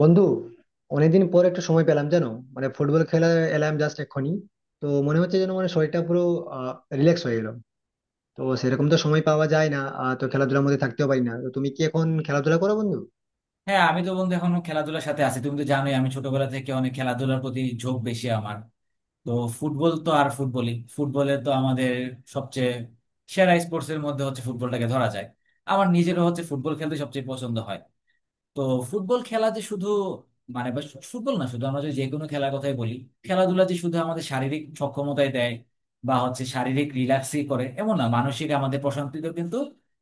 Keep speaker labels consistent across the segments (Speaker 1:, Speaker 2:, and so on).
Speaker 1: বন্ধু, অনেকদিন পর একটা সময় পেলাম জানো। মানে ফুটবল খেলা এলাম জাস্ট এক্ষুনি। তো মনে হচ্ছে যেন মানে শরীরটা পুরো রিল্যাক্স হয়ে গেল। তো সেরকম তো সময় পাওয়া যায় না, তো খেলাধুলার মধ্যে থাকতেও পারি না। তো তুমি কি এখন খেলাধুলা করো বন্ধু?
Speaker 2: হ্যাঁ, আমি তো বন্ধু এখনো খেলাধুলার সাথে আছি। তুমি তো জানোই আমি ছোটবেলা থেকে অনেক খেলাধুলার প্রতি ঝোঁক বেশি আমার। তো ফুটবল তো আর ফুটবলই, ফুটবলে তো আমাদের সবচেয়ে সেরা স্পোর্টস এর মধ্যে হচ্ছে ফুটবলটাকে ধরা যায়। আমার নিজেরও হচ্ছে ফুটবল খেলতে সবচেয়ে পছন্দ হয়। তো ফুটবল খেলা যে শুধু ফুটবল না, শুধু আমরা যদি যে কোনো খেলার কথাই বলি, খেলাধুলা যে শুধু আমাদের শারীরিক সক্ষমতায় দেয় বা হচ্ছে শারীরিক রিল্যাক্সই করে এমন না, মানসিক আমাদের প্রশান্তিতেও কিন্তু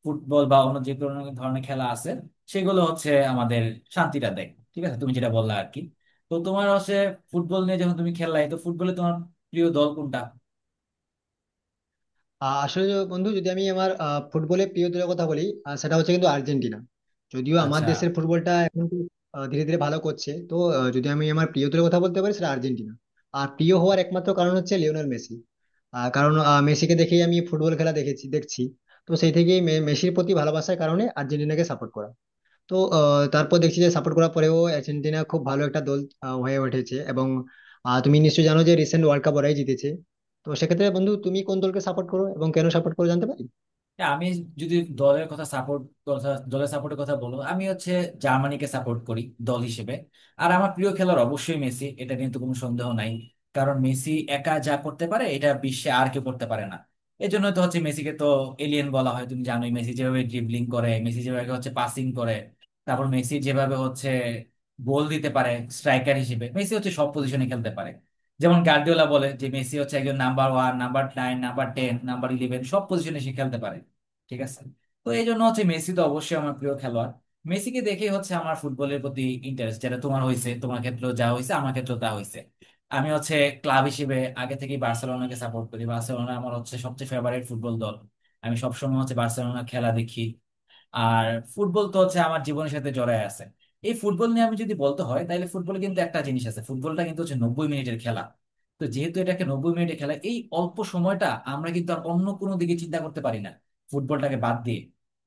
Speaker 2: ফুটবল বা অন্য যে কোনো ধরনের খেলা আছে, সেগুলো হচ্ছে আমাদের শান্তিটা দেয়। ঠিক আছে, তুমি যেটা বললা আর কি। তো তোমার হচ্ছে ফুটবল নিয়ে, যখন তুমি খেললাই তো ফুটবলে তোমার প্রিয় দল কোনটা?
Speaker 1: আসলে বন্ধু, যদি আমি আমার ফুটবলের প্রিয় দলের কথা বলি, সেটা হচ্ছে কিন্তু আর্জেন্টিনা। যদিও আমার
Speaker 2: আচ্ছা।
Speaker 1: দেশের ফুটবলটা এখন তো, ধীরে ধীরে ভালো করছে, তো যদি আমি আমার প্রিয় দলের কথা বলতে পারি সেটা আর্জেন্টিনা। আর প্রিয় হওয়ার একমাত্র কারণ হচ্ছে লিওনেল মেসি। কারণ মেসিকে দেখেই আমি ফুটবল খেলা দেখেছি দেখছি। তো সেই থেকেই মেসির প্রতি ভালোবাসার কারণে আর্জেন্টিনাকে সাপোর্ট করা। তো তারপর দেখছি যে সাপোর্ট করার পরেও আর্জেন্টিনা খুব ভালো একটা দল হয়ে উঠেছে, এবং তুমি নিশ্চয়ই জানো যে রিসেন্ট ওয়ার্ল্ড কাপ ওরাই জিতেছে। তো সেক্ষেত্রে বন্ধু, তুমি কোন দলকে সাপোর্ট করো এবং কেন সাপোর্ট করো জানতে পারি?
Speaker 2: না, আমি যদি দলের সাপোর্টের কথা বলো, আমি হচ্ছে জার্মানিকে সাপোর্ট করি দল হিসেবে। আর আমার প্রিয় খেলোয়াড় অবশ্যই মেসি, এটা নিয়ে তো কোনো সন্দেহ নাই। কারণ মেসি একা যা করতে পারে এটা বিশ্বে আর কেউ করতে পারে না। এই জন্য তো হচ্ছে মেসিকে তো এলিয়েন বলা হয়। তুমি জানোই মেসি যেভাবে ড্রিবলিং করে, মেসি যেভাবে হচ্ছে পাসিং করে, তারপর মেসি যেভাবে হচ্ছে গোল দিতে পারে। স্ট্রাইকার হিসেবে মেসি হচ্ছে সব পজিশনে খেলতে পারে। যেমন গার্দিওলা বলে যে মেসি হচ্ছে একজন number one, number nine, number ten, number eleven, সব পজিশনে সে খেলতে পারে। ঠিক আছে। তো এই জন্য হচ্ছে মেসি তো অবশ্যই আমার প্রিয় খেলোয়াড়। মেসিকে দেখেই হচ্ছে আমার ফুটবলের প্রতি ইন্টারেস্ট যেটা তোমার হয়েছে, তোমার ক্ষেত্রেও যা হয়েছে আমার ক্ষেত্রেও তা হয়েছে। আমি হচ্ছে ক্লাব হিসেবে আগে থেকেই বার্সেলোনাকে সাপোর্ট করি। বার্সেলোনা আমার হচ্ছে সবচেয়ে ফেভারিট ফুটবল দল। আমি সবসময় হচ্ছে বার্সেলোনা খেলা দেখি। আর ফুটবল তো হচ্ছে আমার জীবনের সাথে জড়ায় আছে। এই ফুটবল নিয়ে আমি যদি বলতে হয়, তাহলে ফুটবল কিন্তু একটা জিনিস আছে, ফুটবলটা কিন্তু হচ্ছে 90 মিনিটের খেলা। তো যেহেতু এটাকে 90 মিনিটের খেলা, এই অল্প সময়টা আমরা কিন্তু আর অন্য কোনো দিকে চিন্তা করতে পারি না ফুটবলটাকে বাদ দিয়ে।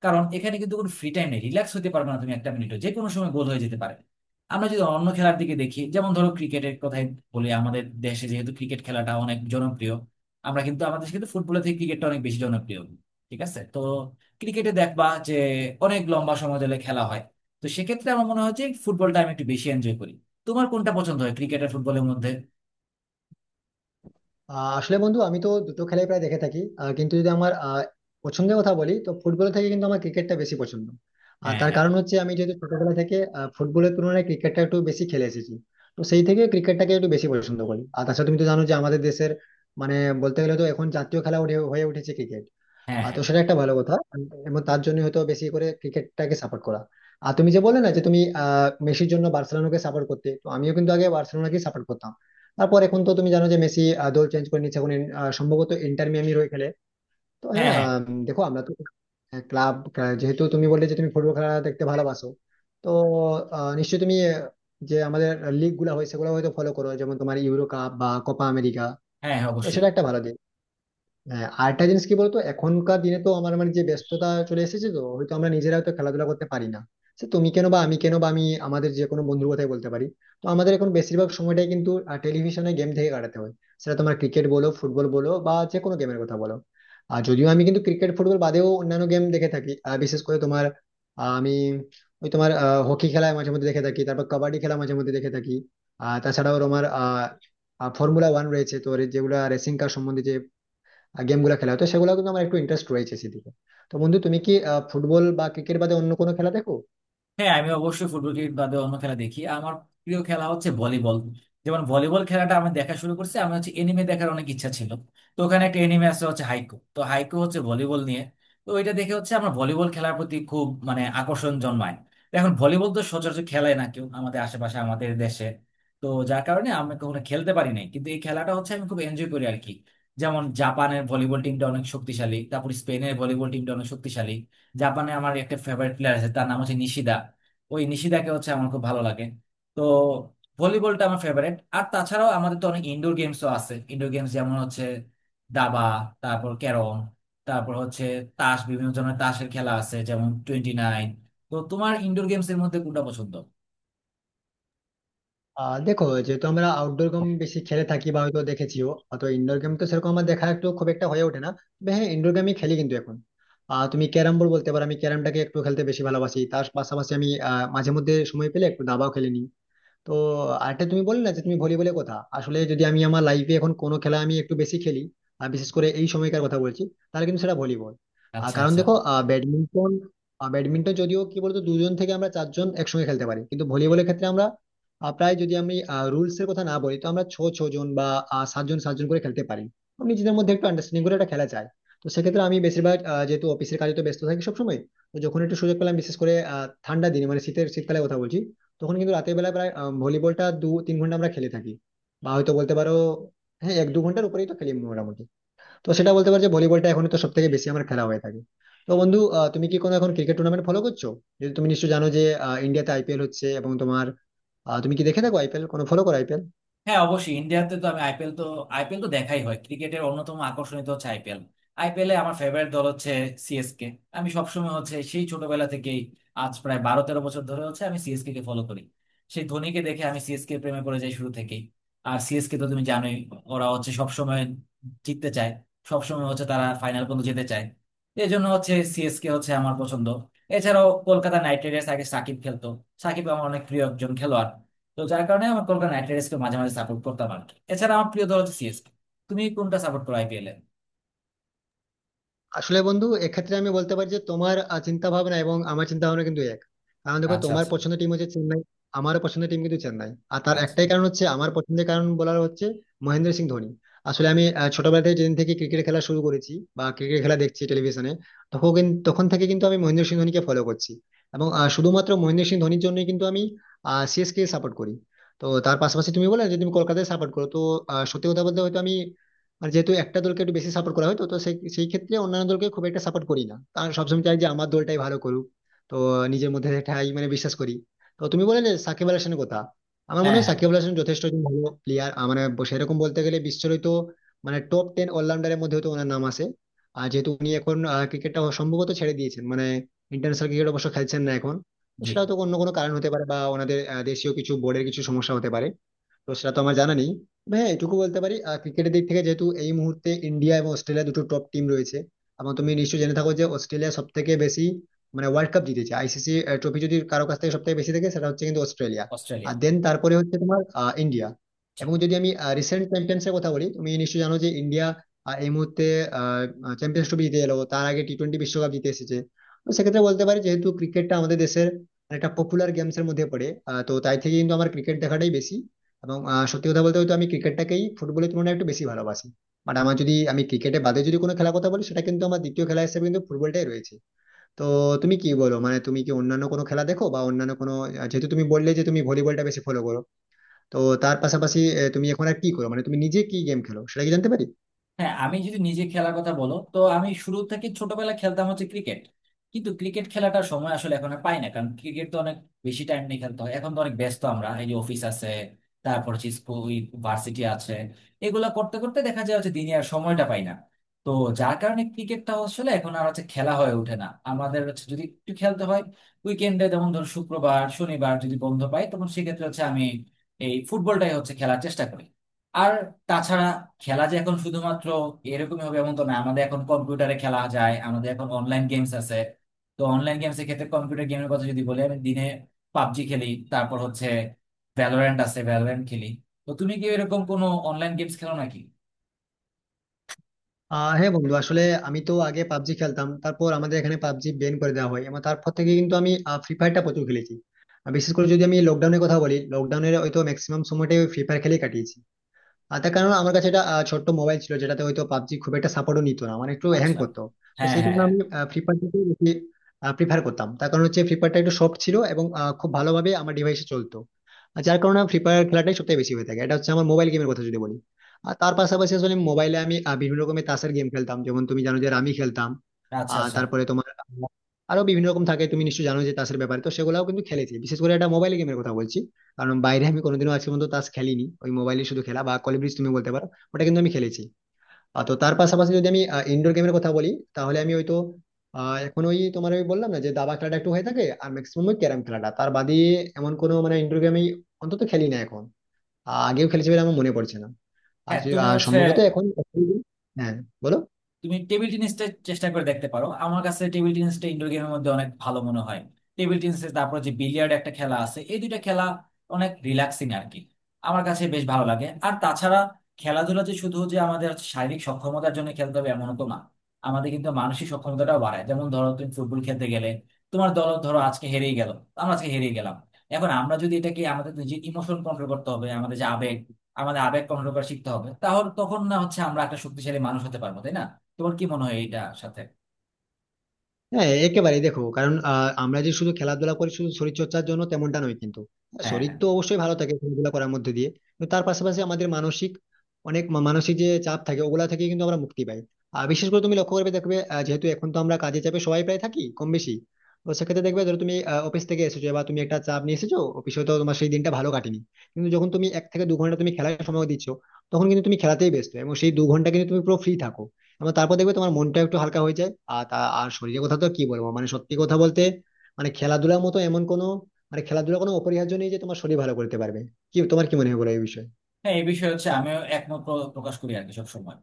Speaker 2: কারণ এখানে কিন্তু কোনো ফ্রি টাইম নেই, রিল্যাক্স হতে পারবে না তুমি একটা মিনিটও, যে কোনো সময় গোল হয়ে যেতে পারে। আমরা যদি অন্য খেলার দিকে দেখি, যেমন ধরো ক্রিকেটের কথাই বলি, আমাদের দেশে যেহেতু ক্রিকেট খেলাটা অনেক জনপ্রিয়, আমরা কিন্তু আমাদের দেশে কিন্তু ফুটবলের থেকে ক্রিকেটটা অনেক বেশি জনপ্রিয়। ঠিক আছে। তো ক্রিকেটে দেখবা যে অনেক লম্বা সময় ধরে খেলা হয়। তো সেক্ষেত্রে আমার মনে হয় যে ফুটবলটা আমি একটু বেশি এনজয় করি। তোমার কোনটা পছন্দ হয় ক্রিকেট আর ফুটবলের মধ্যে?
Speaker 1: আসলে বন্ধু, আমি তো দুটো খেলাই প্রায় দেখে থাকি, কিন্তু যদি আমার পছন্দের কথা বলি, তো ফুটবল থেকে কিন্তু আমার ক্রিকেটটা বেশি পছন্দ। আর
Speaker 2: হ্যাঁ,
Speaker 1: তার
Speaker 2: হ্যাঁ,
Speaker 1: কারণ হচ্ছে আমি যেহেতু ছোটবেলা থেকে ফুটবলের তুলনায় ক্রিকেটটা একটু বেশি খেলে এসেছি, তো সেই থেকে ক্রিকেটটাকে একটু বেশি পছন্দ করি। আর তাছাড়া তুমি তো জানো যে আমাদের দেশের মানে বলতে গেলে তো এখন জাতীয় খেলা হয়ে উঠেছে ক্রিকেট।
Speaker 2: হ্যাঁ,
Speaker 1: তো
Speaker 2: হ্যাঁ,
Speaker 1: সেটা একটা ভালো কথা এবং তার জন্য হয়তো বেশি করে ক্রিকেটটাকে সাপোর্ট করা। আর তুমি যে বললে না যে তুমি মেসির জন্য বার্সেলোনাকে সাপোর্ট করতে, তো আমিও কিন্তু আগে বার্সেলোনাকে সাপোর্ট করতাম। তারপর এখন তো তুমি জানো যে মেসি দল চেঞ্জ করে নিচ্ছে, এখন সম্ভবত ইন্টার মিয়ামির হয়ে খেলে। তো
Speaker 2: হ্যাঁ,
Speaker 1: হ্যাঁ,
Speaker 2: হ্যাঁ,
Speaker 1: দেখো আমরা তো ক্লাব, যেহেতু তুমি বললে যে তুমি ফুটবল খেলা দেখতে ভালোবাসো, তো নিশ্চয়ই তুমি যে আমাদের লিগ গুলা হয় সেগুলো হয়তো ফলো করো, যেমন তোমার ইউরো কাপ বা কোপা আমেরিকা।
Speaker 2: হ্যাঁ। হ্যাঁ,
Speaker 1: তো
Speaker 2: অবশ্যই।
Speaker 1: সেটা একটা ভালো দিক। হ্যাঁ, আরেকটা জিনিস কি বলতো, এখনকার দিনে তো আমার মানে যে ব্যস্ততা চলে এসেছে, তো হয়তো আমরা নিজেরা হয়তো খেলাধুলা করতে পারি না। সে তুমি কেন বা আমি কেন বা আমি আমাদের যে কোনো বন্ধুর কথাই বলতে পারি। তো আমাদের এখন বেশিরভাগ সময়টাই কিন্তু টেলিভিশনে গেম থেকে কাটাতে হয়। সেটা তোমার ক্রিকেট বলো, ফুটবল বলো, বা যে কোনো গেমের কথা বলো। আর যদিও আমি কিন্তু ক্রিকেট ফুটবল বাদেও অন্যান্য গেম দেখে থাকি, বিশেষ করে তোমার আহ, আমি ওই তোমার হকি খেলা মাঝে মধ্যে দেখে থাকি, তারপর কাবাডি খেলা মাঝে মধ্যে দেখে থাকি। আর তাছাড়াও তোমার ফর্মুলা ওয়ান রয়েছে, তো যেগুলা রেসিং কার সম্বন্ধে গেম গুলো খেলা হতো, সেগুলো কিন্তু আমার একটু ইন্টারেস্ট রয়েছে সেদিকে। তো বন্ধু, তুমি কি ফুটবল বা ক্রিকেট বাদে অন্য কোনো খেলা দেখো?
Speaker 2: হ্যাঁ, আমি অবশ্যই ফুটবল ক্রিকেট বাদে অন্য খেলা দেখি। আমার প্রিয় খেলা হচ্ছে ভলিবল। যেমন ভলিবল খেলাটা আমি দেখা শুরু করছি, আমি হচ্ছে এনিমে দেখার অনেক ইচ্ছা ছিল। তো ওখানে একটা এনিমে আছে হচ্ছে হাইকো, তো হাইকো হচ্ছে ভলিবল নিয়ে। তো ওইটা দেখে হচ্ছে আমার ভলিবল খেলার প্রতি খুব মানে আকর্ষণ জন্মায়। তো এখন ভলিবল তো সচরাচর খেলায় না কেউ আমাদের আশেপাশে, আমাদের দেশে। তো যার কারণে আমি কখনো খেলতে পারি নাই, কিন্তু এই খেলাটা হচ্ছে আমি খুব এনজয় করি আর কি। যেমন জাপানের ভলিবল টিমটা অনেক শক্তিশালী, তারপর স্পেনের ভলিবল টিমটা অনেক শক্তিশালী। জাপানে আমার একটা ফেভারিট প্লেয়ার আছে, তার নাম হচ্ছে নিশিদা। ওই নিশিদাকে হচ্ছে আমার খুব ভালো লাগে। তো ভলিবলটা আমার ফেভারিট। আর তাছাড়াও আমাদের তো অনেক ইনডোর গেমসও আছে। ইনডোর গেমস যেমন হচ্ছে দাবা, তারপর ক্যারম, তারপর হচ্ছে তাস, বিভিন্ন ধরনের তাসের খেলা আছে যেমন 29। তো তোমার ইনডোর গেমস এর মধ্যে কোনটা পছন্দ?
Speaker 1: দেখো, যেহেতু আমরা আউটডোর গেম বেশি খেলে থাকি বা হয়তো দেখেছিও, তো ইনডোর গেম তো সেরকম আমার দেখা একটু খুব একটা হয়ে ওঠে না। তবে হ্যাঁ, ইনডোর গেমই খেলি কিন্তু এখন। তুমি ক্যারাম বোর্ড বলতে পারো, আমি ক্যারামটাকে একটু খেলতে বেশি ভালোবাসি। তার পাশাপাশি আমি মাঝে মধ্যে সময় পেলে একটু দাবাও খেলে নিই। তো আরেকটা তুমি বললে না যে তুমি ভলিবলের কথা, আসলে যদি আমি আমার লাইফে এখন কোনো খেলা আমি একটু বেশি খেলি আর বিশেষ করে এই সময়কার কথা বলছি, তাহলে কিন্তু সেটা ভলিবল। আর
Speaker 2: আচ্ছা,
Speaker 1: কারণ
Speaker 2: আচ্ছা।
Speaker 1: দেখো, ব্যাডমিন্টন, ব্যাডমিন্টন যদিও কি বলতো দুজন থেকে আমরা চারজন একসঙ্গে খেলতে পারি, কিন্তু ভলিবলের ক্ষেত্রে আমরা প্রায় যদি আমি রুলস এর কথা না বলি, তো আমরা ছ ছ জন বা সাতজন সাতজন করে খেলতে পারি। তো নিজেদের মধ্যে একটু আন্ডারস্ট্যান্ডিং করে একটা খেলা চাই। তো সেক্ষেত্রে আমি বেশিরভাগ যেহেতু অফিসের কাজে তো ব্যস্ত থাকি সবসময়, তো যখন একটু সুযোগ পেলাম, বিশেষ করে ঠান্ডা দিনে, মানে শীতের শীতকালের কথা বলছি, তখন কিন্তু রাতের বেলা প্রায় ভলিবলটা 2-3 ঘন্টা আমরা খেলে থাকি। বা হয়তো বলতে পারো হ্যাঁ, 1-2 ঘন্টার উপরেই তো খেলি মোটামুটি। তো সেটা বলতে পারো যে ভলিবলটা এখন তো সব থেকে বেশি আমার খেলা হয়ে থাকে। তো বন্ধু, তুমি কি কোনো এখন ক্রিকেট টুর্নামেন্ট ফলো করছো? যদি তুমি নিশ্চয়ই জানো যে ইন্ডিয়াতে IPL হচ্ছে, এবং তোমার তুমি কি দেখে থাকো আইপিএল, কোনো ফলো করো আইপিএল?
Speaker 2: হ্যাঁ, অবশ্যই। ইন্ডিয়াতে তো আমি আইপিএল তো, আইপিএল তো দেখাই হয়। ক্রিকেটের অন্যতম আকর্ষণীয় তো হচ্ছে আইপিএল। আইপিএলে আমার ফেভারিট দল হচ্ছে সিএসকে। আমি সবসময় হচ্ছে সেই ছোটবেলা থেকেই আজ প্রায় 12-13 বছর ধরে হচ্ছে আমি সিএসকে কে ফলো করি। সেই ধোনিকে দেখে আমি সিএসকে প্রেমে পড়ে যাই শুরু থেকেই। আর সিএসকে তো তুমি জানোই, ওরা হচ্ছে সবসময় জিততে চায়, সবসময় হচ্ছে তারা ফাইনাল পর্যন্ত যেতে চায়। এই জন্য হচ্ছে সিএসকে হচ্ছে আমার পছন্দ। এছাড়াও কলকাতা নাইট রাইডার্স, আগে সাকিব খেলতো। সাকিব আমার অনেক প্রিয় একজন খেলোয়াড়। তো যার কারণে আমার কলকাতা নাইট রাইডার্সকে মাঝে মাঝে সাপোর্ট করতাম আর কি। এছাড়া আমার প্রিয় দল হচ্ছে সিএসকে। তুমি কোনটা সাপোর্ট করো আইপিএল এ?
Speaker 1: আসলে বন্ধু, এক্ষেত্রে আমি বলতে পারি যে তোমার চিন্তা ভাবনা এবং আমার চিন্তা ভাবনা কিন্তু এক। কারণ দেখো
Speaker 2: আচ্ছা,
Speaker 1: তোমার
Speaker 2: আচ্ছা,
Speaker 1: পছন্দের টিম হচ্ছে চেন্নাই, আমার পছন্দের টিম কিন্তু চেন্নাই। আর তার
Speaker 2: আচ্ছা।
Speaker 1: একটাই কারণ হচ্ছে, আমার পছন্দের কারণ বলার হচ্ছে মহেন্দ্র সিং ধোনি। আসলে আমি ছোটবেলা থেকে যেদিন থেকে ক্রিকেট খেলা শুরু করেছি বা ক্রিকেট খেলা দেখছি টেলিভিশনে, তখন তখন থেকে কিন্তু আমি মহেন্দ্র সিং ধোনিকে ফলো করছি। এবং শুধুমাত্র মহেন্দ্র সিং ধোনির জন্যই কিন্তু আমি CSK সাপোর্ট করি। তো তার পাশাপাশি তুমি বলে যদি তুমি কলকাতায় সাপোর্ট করো, তো সত্যি কথা বলতে হয়তো আমি, আর যেহেতু একটা দলকে একটু বেশি সাপোর্ট করা হয়, তো তো সেই সেই ক্ষেত্রে অন্যান্য দলকে খুব একটা সাপোর্ট করি না, কারণ সবসময় চাই যে আমার দলটাই ভালো করুক। তো নিজের মধ্যে এটাই মানে বিশ্বাস করি। তো তুমি বলে যে সাকিব আল হাসানের কথা, আমার মনে
Speaker 2: হ্যাঁ,
Speaker 1: হয়
Speaker 2: হ্যাঁ।
Speaker 1: সাকিব আল হাসান যথেষ্ট একজন ভালো প্লেয়ার, মানে সেরকম বলতে গেলে বিশ্বের হয়তো মানে টপ টেন অলরাউন্ডারের মধ্যে হয়তো ওনার নাম আসে। আর যেহেতু উনি এখন ক্রিকেটটা সম্ভবত ছেড়ে দিয়েছেন, মানে ইন্টারন্যাশনাল ক্রিকেট অবশ্য খেলছেন না এখন, তো
Speaker 2: জি।
Speaker 1: সেটা হয়তো অন্য কোনো কারণ হতে পারে বা ওনাদের দেশীয় কিছু বোর্ডের কিছু সমস্যা হতে পারে। তো সেটা তো আমার জানা নেই। তবে হ্যাঁ, এটুকু বলতে পারি, ক্রিকেটের দিক থেকে যেহেতু এই মুহূর্তে ইন্ডিয়া এবং অস্ট্রেলিয়া দুটো টপ টিম রয়েছে, এবং তুমি নিশ্চয়ই জেনে থাকো যে অস্ট্রেলিয়া সব থেকে বেশি মানে ওয়ার্ল্ড কাপ জিতেছে। ICC ট্রফি যদি কারো কাছ থেকে সব থেকে বেশি থাকে সেটা হচ্ছে কিন্তু অস্ট্রেলিয়া। আর
Speaker 2: অস্ট্রেলিয়া।
Speaker 1: দেন তারপরে হচ্ছে তোমার ইন্ডিয়া।
Speaker 2: ঠিক।
Speaker 1: এবং যদি আমি রিসেন্ট চ্যাম্পিয়ন্স এর কথা বলি, তুমি নিশ্চয়ই জানো যে ইন্ডিয়া এই মুহূর্তে চ্যাম্পিয়ন্স ট্রফি জিতে এলো, তার আগে টি-20 বিশ্বকাপ জিতে এসেছে। তো সেক্ষেত্রে বলতে পারি যেহেতু ক্রিকেটটা আমাদের দেশের একটা পপুলার গেমস এর মধ্যে পড়ে, তো তাই থেকে কিন্তু আমার ক্রিকেট দেখাটাই বেশি। এবং সত্যি কথা বলতে হয়তো আমি ক্রিকেটটাকেই ফুটবলের তুলনায় একটু বেশি ভালোবাসি। বাট আমার যদি আমি ক্রিকেটে বাদে যদি কোনো খেলার কথা বলি, সেটা কিন্তু আমার দ্বিতীয় খেলা হিসেবে কিন্তু ফুটবলটাই রয়েছে। তো তুমি কি বলো মানে তুমি কি অন্যান্য কোনো খেলা দেখো বা অন্যান্য কোনো, যেহেতু তুমি বললে যে তুমি ভলিবলটা বেশি ফলো করো, তো তার পাশাপাশি তুমি এখন আর কি করো, মানে তুমি নিজে কি গেম খেলো সেটা কি জানতে পারি?
Speaker 2: হ্যাঁ, আমি যদি নিজে খেলার কথা বলো, তো আমি শুরু থেকে ছোটবেলা খেলতাম হচ্ছে ক্রিকেট। কিন্তু ক্রিকেট খেলাটার সময় আসলে এখন আর পাই না, কারণ ক্রিকেট তো অনেক বেশি টাইম নিয়ে খেলতে হয়। এখন তো অনেক ব্যস্ত আমরা, এই যে অফিস আছে, তারপর হচ্ছে স্কুল, ভার্সিটি আছে, এগুলা করতে করতে দেখা যায় হচ্ছে দিনে আর সময়টা পাই না। তো যার কারণে ক্রিকেটটা আসলে এখন আর হচ্ছে খেলা হয়ে ওঠে না আমাদের হচ্ছে। যদি একটু খেলতে হয়, উইকেন্ডে যেমন ধর শুক্রবার শনিবার যদি বন্ধ পাই, তখন সেক্ষেত্রে হচ্ছে আমি এই ফুটবলটাই হচ্ছে খেলার চেষ্টা করি। আর তাছাড়া খেলা যে এখন শুধুমাত্র এরকমই হবে এমন তো না, আমাদের এখন কম্পিউটারে খেলা যায়, আমাদের এখন অনলাইন গেমস আছে। তো অনলাইন গেমসের ক্ষেত্রে কম্পিউটার গেমের কথা যদি বলি, আমি দিনে পাবজি খেলি, তারপর হচ্ছে ভ্যালোরেন্ট আছে, ভ্যালোরেন্ট খেলি। তো তুমি কি এরকম কোনো অনলাইন গেমস খেলো নাকি?
Speaker 1: হ্যাঁ বন্ধু, আসলে আমি তো আগে পাবজি খেলতাম, তারপর আমাদের এখানে পাবজি ব্যান করে দেওয়া হয়, এবং তারপর থেকে কিন্তু আমি ফ্রি ফায়ারটা প্রচুর খেলেছি। আর বিশেষ করে যদি আমি লকডাউনের কথা বলি, লকডাউনের হয়তো ম্যাক্সিমাম সময়টাই ফ্রি ফায়ার খেলে কাটিয়েছি। আর তার কারণ আমার কাছে এটা ছোট্ট মোবাইল ছিল, যেটাতে হয়তো পাবজি খুব একটা সাপোর্টও নিত না, মানে একটু হ্যাং
Speaker 2: আচ্ছা।
Speaker 1: করতো। তো
Speaker 2: হ্যাঁ,
Speaker 1: সেই কারণে
Speaker 2: হ্যাঁ, হ্যাঁ।
Speaker 1: আমি ফ্রি ফায়ারটাকেই বেশি প্রিফার করতাম। তার কারণ হচ্ছে ফ্রি ফায়ারটা একটু সফট ছিল এবং খুব ভালোভাবে আমার ডিভাইসে চলতো। আর যার কারণে ফ্রি ফায়ার খেলাটাই সবথেকে বেশি হয়ে থাকে, এটা হচ্ছে আমার মোবাইল গেমের কথা যদি বলি। আর তার পাশাপাশি আসলে মোবাইলে আমি বিভিন্ন রকমের তাসের গেম খেলতাম, যেমন তুমি জানো যে রামি খেলতাম।
Speaker 2: আচ্ছা, আচ্ছা।
Speaker 1: তারপরে তোমার আরো বিভিন্ন রকম থাকে, তুমি নিশ্চয়ই জানো যে তাসের ব্যাপারে, তো সেগুলাও কিন্তু খেলেছি, বিশেষ করে এটা মোবাইল গেমের কথা বলছি। কারণ বাইরে আমি কোনোদিনও আজকে পর্যন্ত তাস খেলিনি, ওই মোবাইলে শুধু খেলা বা কল ব্রিজ তুমি বলতে পারো, ওটা কিন্তু আমি খেলেছি। তো তার পাশাপাশি যদি আমি ইনডোর গেমের কথা বলি, তাহলে আমি হয়তো এখন ওই তোমার ওই বললাম না যে দাবা খেলাটা একটু হয়ে থাকে, আর ম্যাক্সিমাম ওই ক্যারাম খেলাটা, তার বাদে এমন কোনো মানে ইনডোর গেম আমি অন্তত খেলি না এখন। আগেও খেলেছি বলে আমার মনে পড়ছে না।
Speaker 2: হ্যাঁ, তুমি
Speaker 1: আর
Speaker 2: হচ্ছে,
Speaker 1: সম্ভবত এখন। হ্যাঁ, বলো।
Speaker 2: তুমি টেবিল টেনিসটা চেষ্টা করে দেখতে পারো। আমার কাছে টেবিল টেনিসটা ইনডোর গেমের মধ্যে অনেক ভালো মনে হয়। টেবিল টেনিস, তারপর যে বিলিয়ার্ড একটা খেলা আছে, এই দুইটা খেলা অনেক রিল্যাক্সিং আর কি। আমার কাছে বেশ ভালো লাগে। আর তাছাড়া খেলাধুলা যে শুধু যে আমাদের শারীরিক সক্ষমতার জন্য খেলতে হবে এমনও তো না, আমাদের কিন্তু মানসিক সক্ষমতাটাও বাড়ায়। যেমন ধরো তুমি ফুটবল খেলতে গেলে, তোমার দল ধরো আজকে হেরেই গেল, আমরা আজকে হেরেই গেলাম। এখন আমরা যদি এটাকে, আমাদের যে ইমোশন কন্ট্রোল করতে হবে, আমাদের যে আবেগ, আমাদের আবেগ কন্ট্রোল করা শিখতে হবে, তাহলে তখন না হচ্ছে আমরা একটা শক্তিশালী মানুষ হতে পারবো তাই না? তোমার কি মনে হয় এটা সাথে?
Speaker 1: হ্যাঁ, একেবারেই। দেখো, কারণ আমরা যে শুধু খেলাধুলা করি শুধু শরীর চর্চার জন্য তেমনটা নয় কিন্তু, হ্যাঁ,
Speaker 2: হ্যাঁ,
Speaker 1: শরীর
Speaker 2: হ্যাঁ,
Speaker 1: তো অবশ্যই ভালো থাকে খেলাধুলা করার মধ্যে দিয়ে, কিন্তু তার পাশাপাশি আমাদের মানসিক, অনেক মানসিক যে চাপ থাকে ওগুলা থেকে কিন্তু আমরা মুক্তি পাই। আর বিশেষ করে তুমি লক্ষ্য করবে দেখবে, যেহেতু এখন তো আমরা কাজে চাপে সবাই প্রায় থাকি কম বেশি, তো সেক্ষেত্রে দেখবে ধরো তুমি অফিস থেকে এসেছো বা তুমি একটা চাপ নিয়ে এসেছো অফিসে, তো তোমার সেই দিনটা ভালো কাটেনি, কিন্তু যখন তুমি 1 থেকে 2 ঘন্টা তুমি খেলার সময় দিচ্ছ, তখন কিন্তু তুমি খেলাতেই ব্যস্ত এবং সেই 2 ঘন্টা কিন্তু তুমি পুরো ফ্রি থাকো। এবং তারপর দেখবে তোমার মনটা একটু হালকা হয়ে যায়। আর আর শরীরের কথা তো কি বলবো, মানে সত্যি কথা বলতে মানে খেলাধুলার মতো এমন কোনো মানে খেলাধুলা কোনো অপরিহার্য নেই যে তোমার শরীর ভালো করতে পারবে। কি, তোমার কি মনে হয় বলো এই বিষয়ে?
Speaker 2: হ্যাঁ, এই বিষয়ে হচ্ছে আমিও একমত প্রকাশ করি আর কি সবসময়।